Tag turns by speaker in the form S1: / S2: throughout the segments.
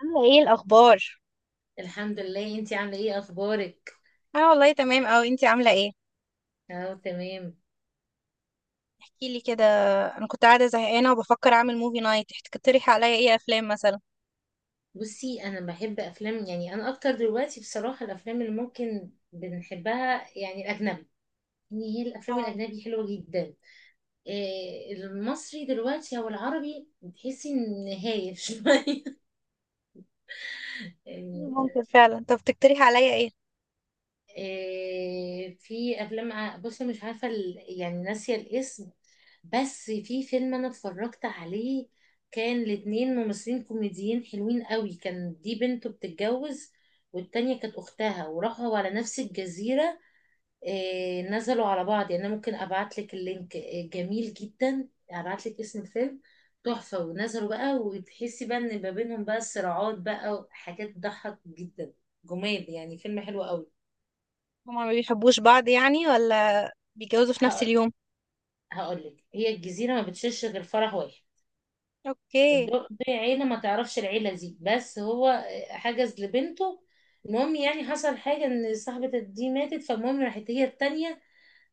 S1: عاملة ايه الأخبار؟
S2: الحمد لله. انتي عامله ايه؟ اخبارك؟
S1: أنا والله تمام أوي، انتي عاملة ايه؟
S2: اه، تمام.
S1: احكيلي كده. أنا كنت قاعدة زهقانة وبفكر أعمل موفي نايت، تقترحي عليا ايه أفلام مثلا؟
S2: بصي، انا بحب افلام، يعني انا اكتر دلوقتي بصراحه الافلام اللي ممكن بنحبها يعني الاجنبي. يعني هي الافلام
S1: اه،
S2: الاجنبي حلوه جدا. إيه المصري دلوقتي او العربي بتحسي ان هايف شويه، يعني.
S1: ممكن فعلا. طب تقترحي عليا ايه؟
S2: في افلام بصي مش عارفه يعني ناسيه الاسم. بس في فيلم انا اتفرجت عليه، كان الاتنين ممثلين كوميديين حلوين قوي، كان دي بنته بتتجوز والتانية كانت أختها، وراحوا على نفس الجزيرة. نزلوا على بعض، يعني أنا ممكن أبعتلك اللينك. جميل جدا، أبعتلك اسم الفيلم. تحفة، ونزلوا بقى وتحسي بقى إن ما بينهم بقى صراعات بقى وحاجات تضحك جدا. جمال، يعني فيلم حلو قوي.
S1: هما ما بيحبوش بعض يعني، ولا بيتجوزوا في نفس اليوم؟
S2: هقول لك، هي الجزيرة ما بتشيلش غير فرح واحد.
S1: اوكي.
S2: الدق دي عيلة ما تعرفش، العيلة دي بس هو حجز لبنته. المهم، يعني حصل حاجة ان صاحبة دي ماتت، فالمهم راحت هي التانية.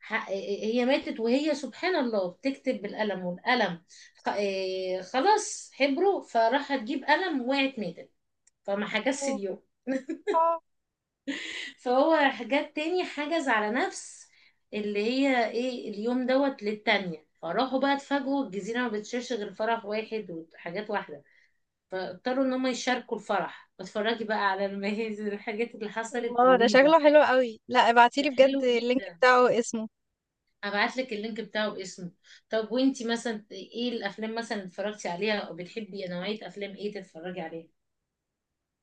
S2: ح- هي ماتت، وهي سبحان الله بتكتب بالقلم، والقلم خ- إيه، خلاص حبره، فراحت تجيب قلم، وقعت ماتت. فما حجزش
S1: أوه.
S2: اليوم
S1: آه.
S2: فهو حاجات تاني حجز على نفس اللي هي ايه اليوم دوت للتانية، فراحوا بقى اتفاجئوا الجزيرة ما بتشيرش غير فرح واحد وحاجات واحدة، اضطروا ان هم يشاركوا الفرح. اتفرجي بقى على المهازل، الحاجات اللي حصلت
S1: الله، ده
S2: رهيبة.
S1: شكله حلو أوي. لا
S2: ده
S1: ابعتيلي بجد
S2: حلو
S1: اللينك
S2: جدا،
S1: بتاعه واسمه.
S2: هبعتلك اللينك بتاعه باسمه. طب وانتي مثلا ايه الافلام مثلا اللي اتفرجتي عليها؟ او بتحبي نوعية افلام ايه تتفرجي عليها؟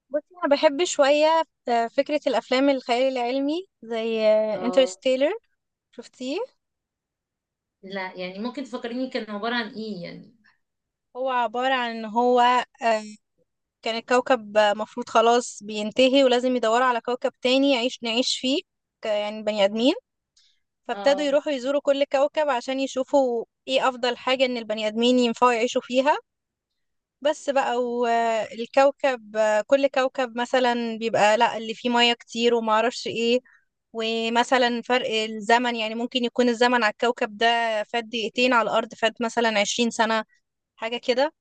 S1: بصي، أنا بحب شوية فكرة الأفلام الخيال العلمي زي
S2: اه،
S1: انترستيلر. شفتيه؟
S2: لا يعني ممكن تفكريني كان عبارة عن ايه يعني؟
S1: هو عبارة عن ان هو آه، كان الكوكب مفروض خلاص بينتهي، ولازم يدوروا على كوكب تاني يعيش نعيش فيه. يعني بني آدمين. فابتدوا
S2: اه،
S1: يروحوا يزوروا كل كوكب عشان يشوفوا ايه أفضل حاجة إن البني آدمين ينفعوا يعيشوا فيها. بس بقى، والكوكب، كل كوكب مثلا بيبقى لا اللي فيه مياه كتير ومعرفش ايه. ومثلا فرق الزمن، يعني ممكن يكون الزمن على الكوكب ده فات دقيقتين، على الأرض فات مثلا 20 سنة. حاجة كده.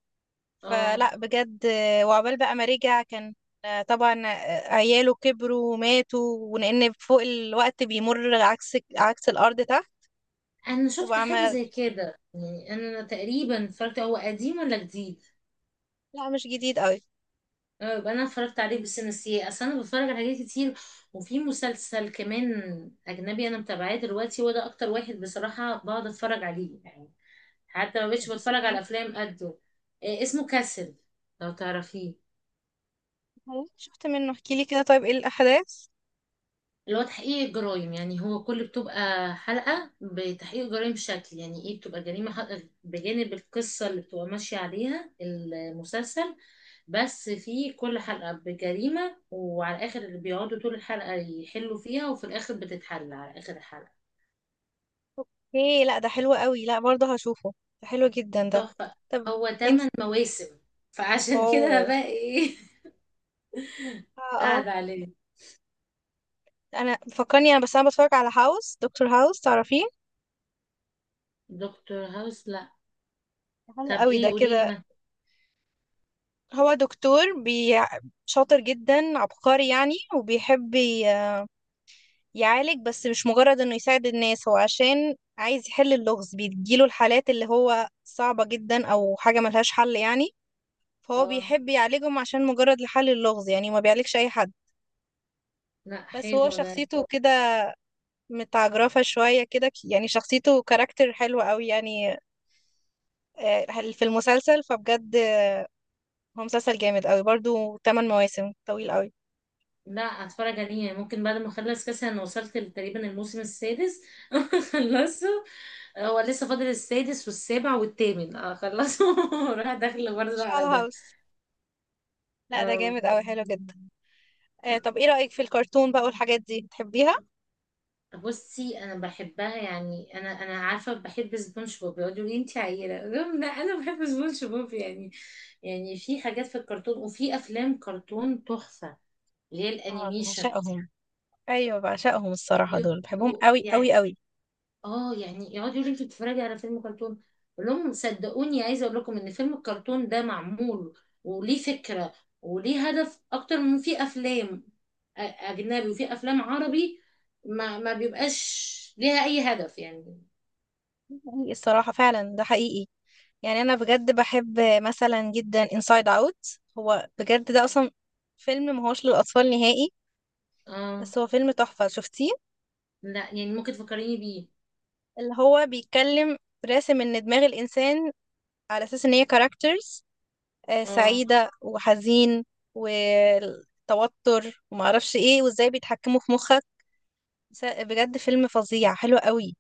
S2: اه.
S1: فلا بجد. وعقبال بقى ما رجع، كان طبعا عياله كبروا وماتوا، ولان فوق الوقت بيمر عكس الارض تحت.
S2: انا شفت
S1: وبقى
S2: حاجه
S1: ما،
S2: زي كده، يعني انا تقريبا اتفرجت. هو قديم ولا جديد؟
S1: لا مش جديد قوي.
S2: أه، يبقى انا اتفرجت عليه بس نسيه، اصل انا بتفرج على حاجات كتير. وفي مسلسل كمان اجنبي انا متابعاه دلوقتي، هو ده اكتر واحد بصراحه بقعد اتفرج عليه يعني، حتى ما بقتش
S1: اسمه
S2: بتفرج على
S1: ايه؟
S2: افلام قده. اسمه كاسل، لو تعرفيه.
S1: هو شفت منه، احكي لي كده، طيب ايه الاحداث؟
S2: اللي هو تحقيق الجرائم، يعني هو كل بتبقى حلقة بتحقيق جرائم شكل يعني ايه، بتبقى جريمة بجانب القصة اللي بتبقى ماشية عليها المسلسل. بس في كل حلقة بجريمة، وعلى الآخر اللي بيقعدوا طول الحلقة يحلوا فيها، وفي الآخر بتتحل على آخر الحلقة.
S1: ايه، لا ده حلو قوي. لا برضه هشوفه، ده حلو جدا ده.
S2: تحفة.
S1: طب
S2: هو
S1: انت.
S2: تمن مواسم، فعشان كده أنا
S1: اوه.
S2: بقى ايه،
S1: اه اه.
S2: قاعدة عليه.
S1: انا فكرني انا، بس انا بتفرج على هاوس، دكتور هاوس تعرفيه؟
S2: دكتور هاوس؟ لا.
S1: حلو
S2: طب
S1: قوي ده
S2: ايه؟ قوليلي
S1: كده.
S2: ما.
S1: هو دكتور بي... شاطر جدا عبقري يعني، وبيحب يعالج. بس مش مجرد انه يساعد الناس، هو عشان عايز يحل اللغز. بيجيله الحالات اللي هو صعبة جدا او حاجة ملهاش حل يعني، فهو
S2: اه،
S1: بيحب يعالجهم عشان مجرد لحل اللغز يعني. ما بيعالجش اي حد.
S2: لا
S1: بس هو
S2: حلو ده.
S1: شخصيته كده، متعجرفة شوية كده. يعني شخصيته كاركتر حلو قوي يعني آه، في المسلسل. فبجد هو مسلسل جامد قوي برضو. 8 مواسم، طويل قوي.
S2: لا، اتفرج عليه يعني ممكن بعد ما اخلص كاس. انا وصلت تقريبا الموسم السادس خلصه. هو لسه فاضل السادس والسابع والثامن اخلصه، وراح داخله برضه
S1: شال
S2: على ده.
S1: هاوس. لا ده
S2: اه.
S1: جامد قوي، حلو جدا. طب ايه رأيك في الكرتون بقى والحاجات دي، تحبيها؟
S2: بصي انا بحبها، يعني انا عارفه بحب سبونج بوب، يقولوا لي انت عيله، أقول لهم لا انا بحب سبونج بوب يعني. يعني في حاجات في الكرتون، وفي افلام كرتون تحفه، اللي هي
S1: اه،
S2: الانيميشن.
S1: بعشقهم. ايوه، بعشقهم الصراحه، دول بحبهم
S2: يبقوا
S1: قوي
S2: يعني،
S1: قوي قوي.
S2: اه يعني يقعدوا يقولوا انت بتتفرجي على فيلم كرتون، اقول لهم صدقوني، عايزه اقول لكم ان فيلم الكرتون ده معمول وليه فكره وليه هدف اكتر من في افلام اجنبي وفي افلام عربي، ما بيبقاش ليها اي هدف يعني.
S1: حقيقي الصراحه، فعلا ده حقيقي. يعني انا بجد بحب مثلا جدا انسايد اوت. هو بجد ده اصلا فيلم ما هوش للاطفال نهائي.
S2: اه،
S1: بس هو فيلم تحفه. شفتيه؟
S2: لا يعني ممكن تفكريني بيه؟
S1: اللي هو بيتكلم، راسم ان دماغ الانسان على اساس ان هي كاركترز
S2: اه،
S1: سعيده وحزين والتوتر وما اعرفش ايه، وازاي بيتحكموا في مخك. بجد فيلم فظيع، حلو قوي.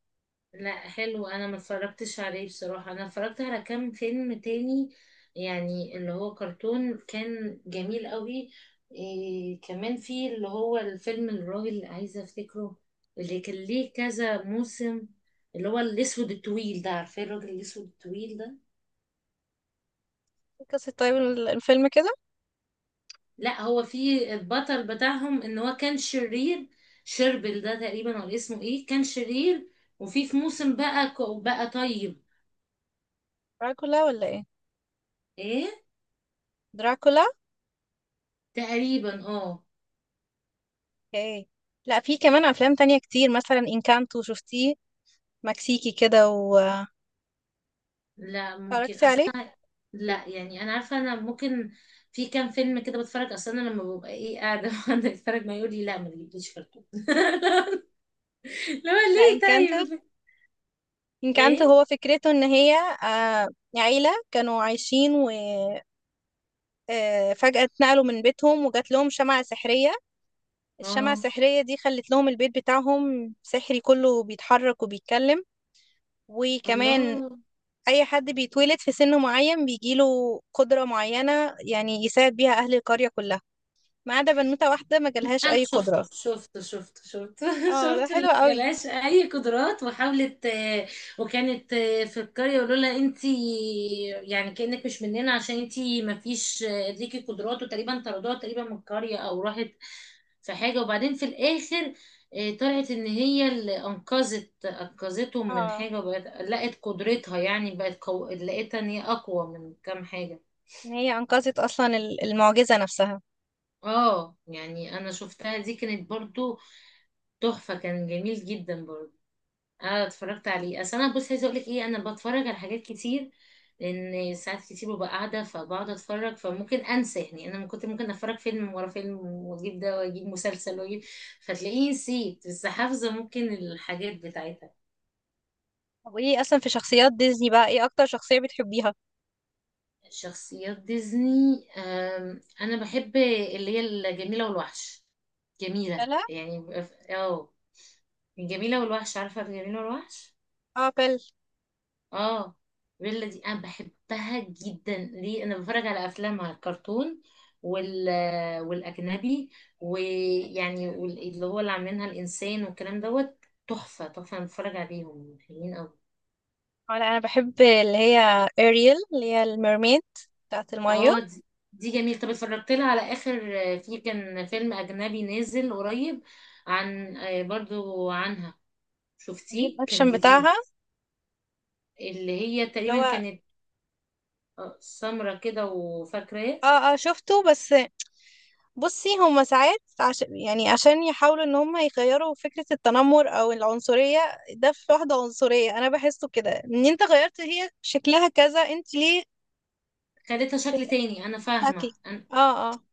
S2: لا حلو. انا ما اتفرجتش عليه بصراحة. انا اتفرجت على كام فيلم تاني، يعني اللي هو كرتون كان جميل قوي. إيه كمان في اللي هو الفيلم، الراجل اللي عايزة افتكره، اللي كان ليه كذا موسم، اللي هو الاسود الطويل ده، عارفين الراجل الاسود الطويل ده؟
S1: إيه قصة طيب الفيلم كده؟
S2: لا هو في البطل بتاعهم ان هو كان شرير. شربل ده تقريبا، ولا اسمه ايه، كان شرير، وفي في موسم بقى بقى طيب.
S1: دراكولا ولا ايه؟
S2: ايه؟
S1: دراكولا.
S2: تقريبا، اه.
S1: اوكي. لا، في كمان افلام تانية كتير، مثلا انكانتو. شفتيه؟ مكسيكي كده، واتفرجتي
S2: لا، ممكن
S1: عليه؟
S2: اصلا. لا يعني انا عارفه، انا ممكن في كام فيلم كده بتفرج، اصلا انا لما ببقى ايه قاعده وانا بتفرج، ما يقول لي لا ما تجيبليش فرق لا،
S1: لا
S2: ليه
S1: انكانتو.
S2: طيب؟ ليه
S1: انكانتو
S2: إيه؟
S1: هو فكرته ان هي آه، عيلة كانوا عايشين، وفجأة اتنقلوا من بيتهم وجات لهم شمعة سحرية. الشمعة
S2: اه،
S1: السحرية دي خلت لهم البيت بتاعهم سحري، كله بيتحرك وبيتكلم. وكمان
S2: الله.
S1: اي حد بيتولد في سن معين بيجيله قدرة معينة، يعني يساعد بيها اهل القرية كلها، ما عدا بنوتة واحدة ما جالهاش
S2: انا
S1: اي قدرة.
S2: شفته شفته شفته شفته
S1: اه ده
S2: شفت اللي
S1: حلو قوي.
S2: جالهاش اي قدرات وحاولت. وكانت في القريه يقولوا لها انتي يعني كانك مش مننا، عشان انتي ما فيش ليكي قدرات، وتقريبا طردوها تقريبا من القريه، او راحت في حاجه، وبعدين في الاخر طلعت ان هي اللي انقذتهم من
S1: اه،
S2: حاجه، وبقت لقت قدرتها، يعني بقت لقيتها ان هي اقوى من كام حاجه.
S1: ان هي انقذت اصلا المعجزة نفسها.
S2: اه، يعني انا شفتها دي كانت برضو تحفة، كان جميل جدا برضه. انا اتفرجت عليه، اصل انا بص عايزه اقول لك ايه، انا بتفرج على حاجات كتير، لان ساعات كتير ببقى قاعده فبقعد اتفرج، فممكن انسى. يعني انا كنت ممكن اتفرج فيلم ورا فيلم، واجيب ده واجيب مسلسل واجيب، فتلاقيني نسيت، بس حافظه ممكن الحاجات بتاعتها.
S1: طب ايه اصلا، في شخصيات ديزني بقى، ايه اكتر شخصية بتحبيها؟
S2: شخصيات ديزني؟ انا بحب اللي هي الجميله والوحش. جميله،
S1: بلا.
S2: يعني بيبقى الجميله والوحش، عارفه الجميله والوحش؟
S1: اه بل.
S2: اه. بيلا دي انا بحبها جدا، ليه انا بتفرج على افلامها الكرتون وال والاجنبي، ويعني اللي هو اللي عاملينها الانسان والكلام دوت. تحفه تحفه، انا بتفرج عليهم حلوين قوي.
S1: اه. لا انا بحب اللي هي اريل، اللي هي الميرميد بتاعت المية.
S2: اه دي, جميل. طب اتفرجت لها على اخر في كان فيلم اجنبي نازل قريب عن، برضو عنها،
S1: الريل
S2: شفتيه كان
S1: اكشن
S2: جديد؟
S1: بتاعها،
S2: اللي هي
S1: اللي
S2: تقريبا
S1: هو.
S2: كانت سمرة كده، وفاكراه.
S1: اه اه، شفته. بس بصي، هما ساعات عشان يعني عشان يحاولوا ان هما يغيروا فكرة التنمر او العنصرية. ده في واحدة عنصرية انا بحسه كده، ان انت غيرت هي شكلها كذا، انت ليه؟
S2: خدتها شكل
S1: هي
S2: تاني، انا
S1: شكلي.
S2: فاهمه.
S1: اه اه.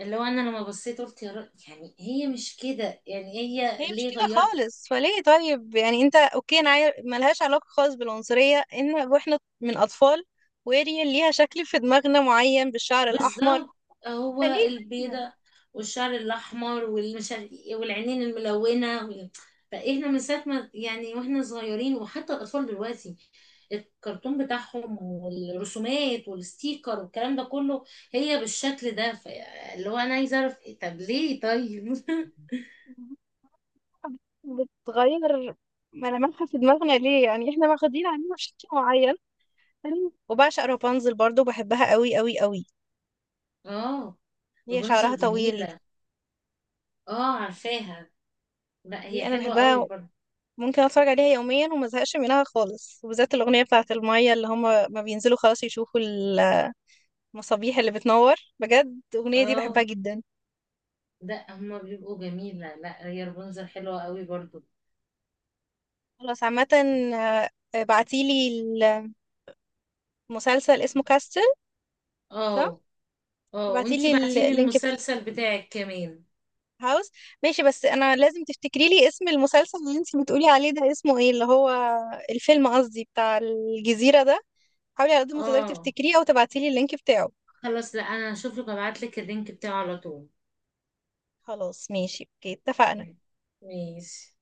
S2: اللي هو انا لما بصيت قلت يا رب، يعني هي مش كده، يعني
S1: هي
S2: هي
S1: مش
S2: ليه
S1: كده
S2: غيرت؟
S1: خالص، فليه طيب؟ يعني انت اوكي، انا ملهاش علاقة خالص بالعنصرية، ان واحنا من اطفال واريال ليها شكل في دماغنا معين بالشعر الاحمر.
S2: بالظبط. هو
S1: فليه
S2: البيضة والشعر الاحمر والمش عارف إيه والعينين الملونة فاحنا من ساعة ما، يعني واحنا صغيرين وحتى الاطفال دلوقتي، الكرتون بتاعهم والرسومات والستيكر والكلام ده كله هي بالشكل ده اللي هو انا عايزه اعرف إيه، طب ليه طيب.
S1: بتغير ملامحها في دماغنا؟ ليه يعني؟ احنا واخدين عنها بشكل معين حلو. وبعشق رابنزل برضو، بحبها قوي قوي قوي.
S2: اه.
S1: هي شعرها
S2: رابنزل
S1: طويل،
S2: جميلة، اه عارفاها. لا
S1: دي
S2: هي
S1: انا
S2: حلوة قوي
S1: بحبها.
S2: برضه.
S1: ممكن اتفرج عليها يوميا وما ازهقش منها خالص، وبالذات الاغنيه بتاعه الميه اللي هم ما بينزلوا خلاص، يشوفوا المصابيح اللي بتنور. بجد الاغنيه دي بحبها
S2: اه،
S1: جدا.
S2: ده هما بيبقوا جميلة. لا هي رابنزل حلوة قوي برضو.
S1: خلاص عامه. آه، بعتيلي. المسلسل اسمه كاستل، صح؟
S2: اه، اه. وانتي
S1: بعتيلي
S2: بعتيلي
S1: اللينك بتاع
S2: المسلسل بتاعك كمان؟
S1: هاوس. ماشي، بس انا لازم تفتكري لي اسم المسلسل اللي انت بتقولي عليه ده، اسمه ايه؟ اللي هو الفيلم، قصدي، بتاع الجزيره ده. حاولي على قد ما تقدري
S2: اه،
S1: تفتكريه، او تبعتيلي اللينك بتاعه.
S2: خلاص. لا انا هشوف لك، ابعت لك اللينك بتاعه على طول.
S1: خلاص ماشي، اوكي، اتفقنا.
S2: ماشي.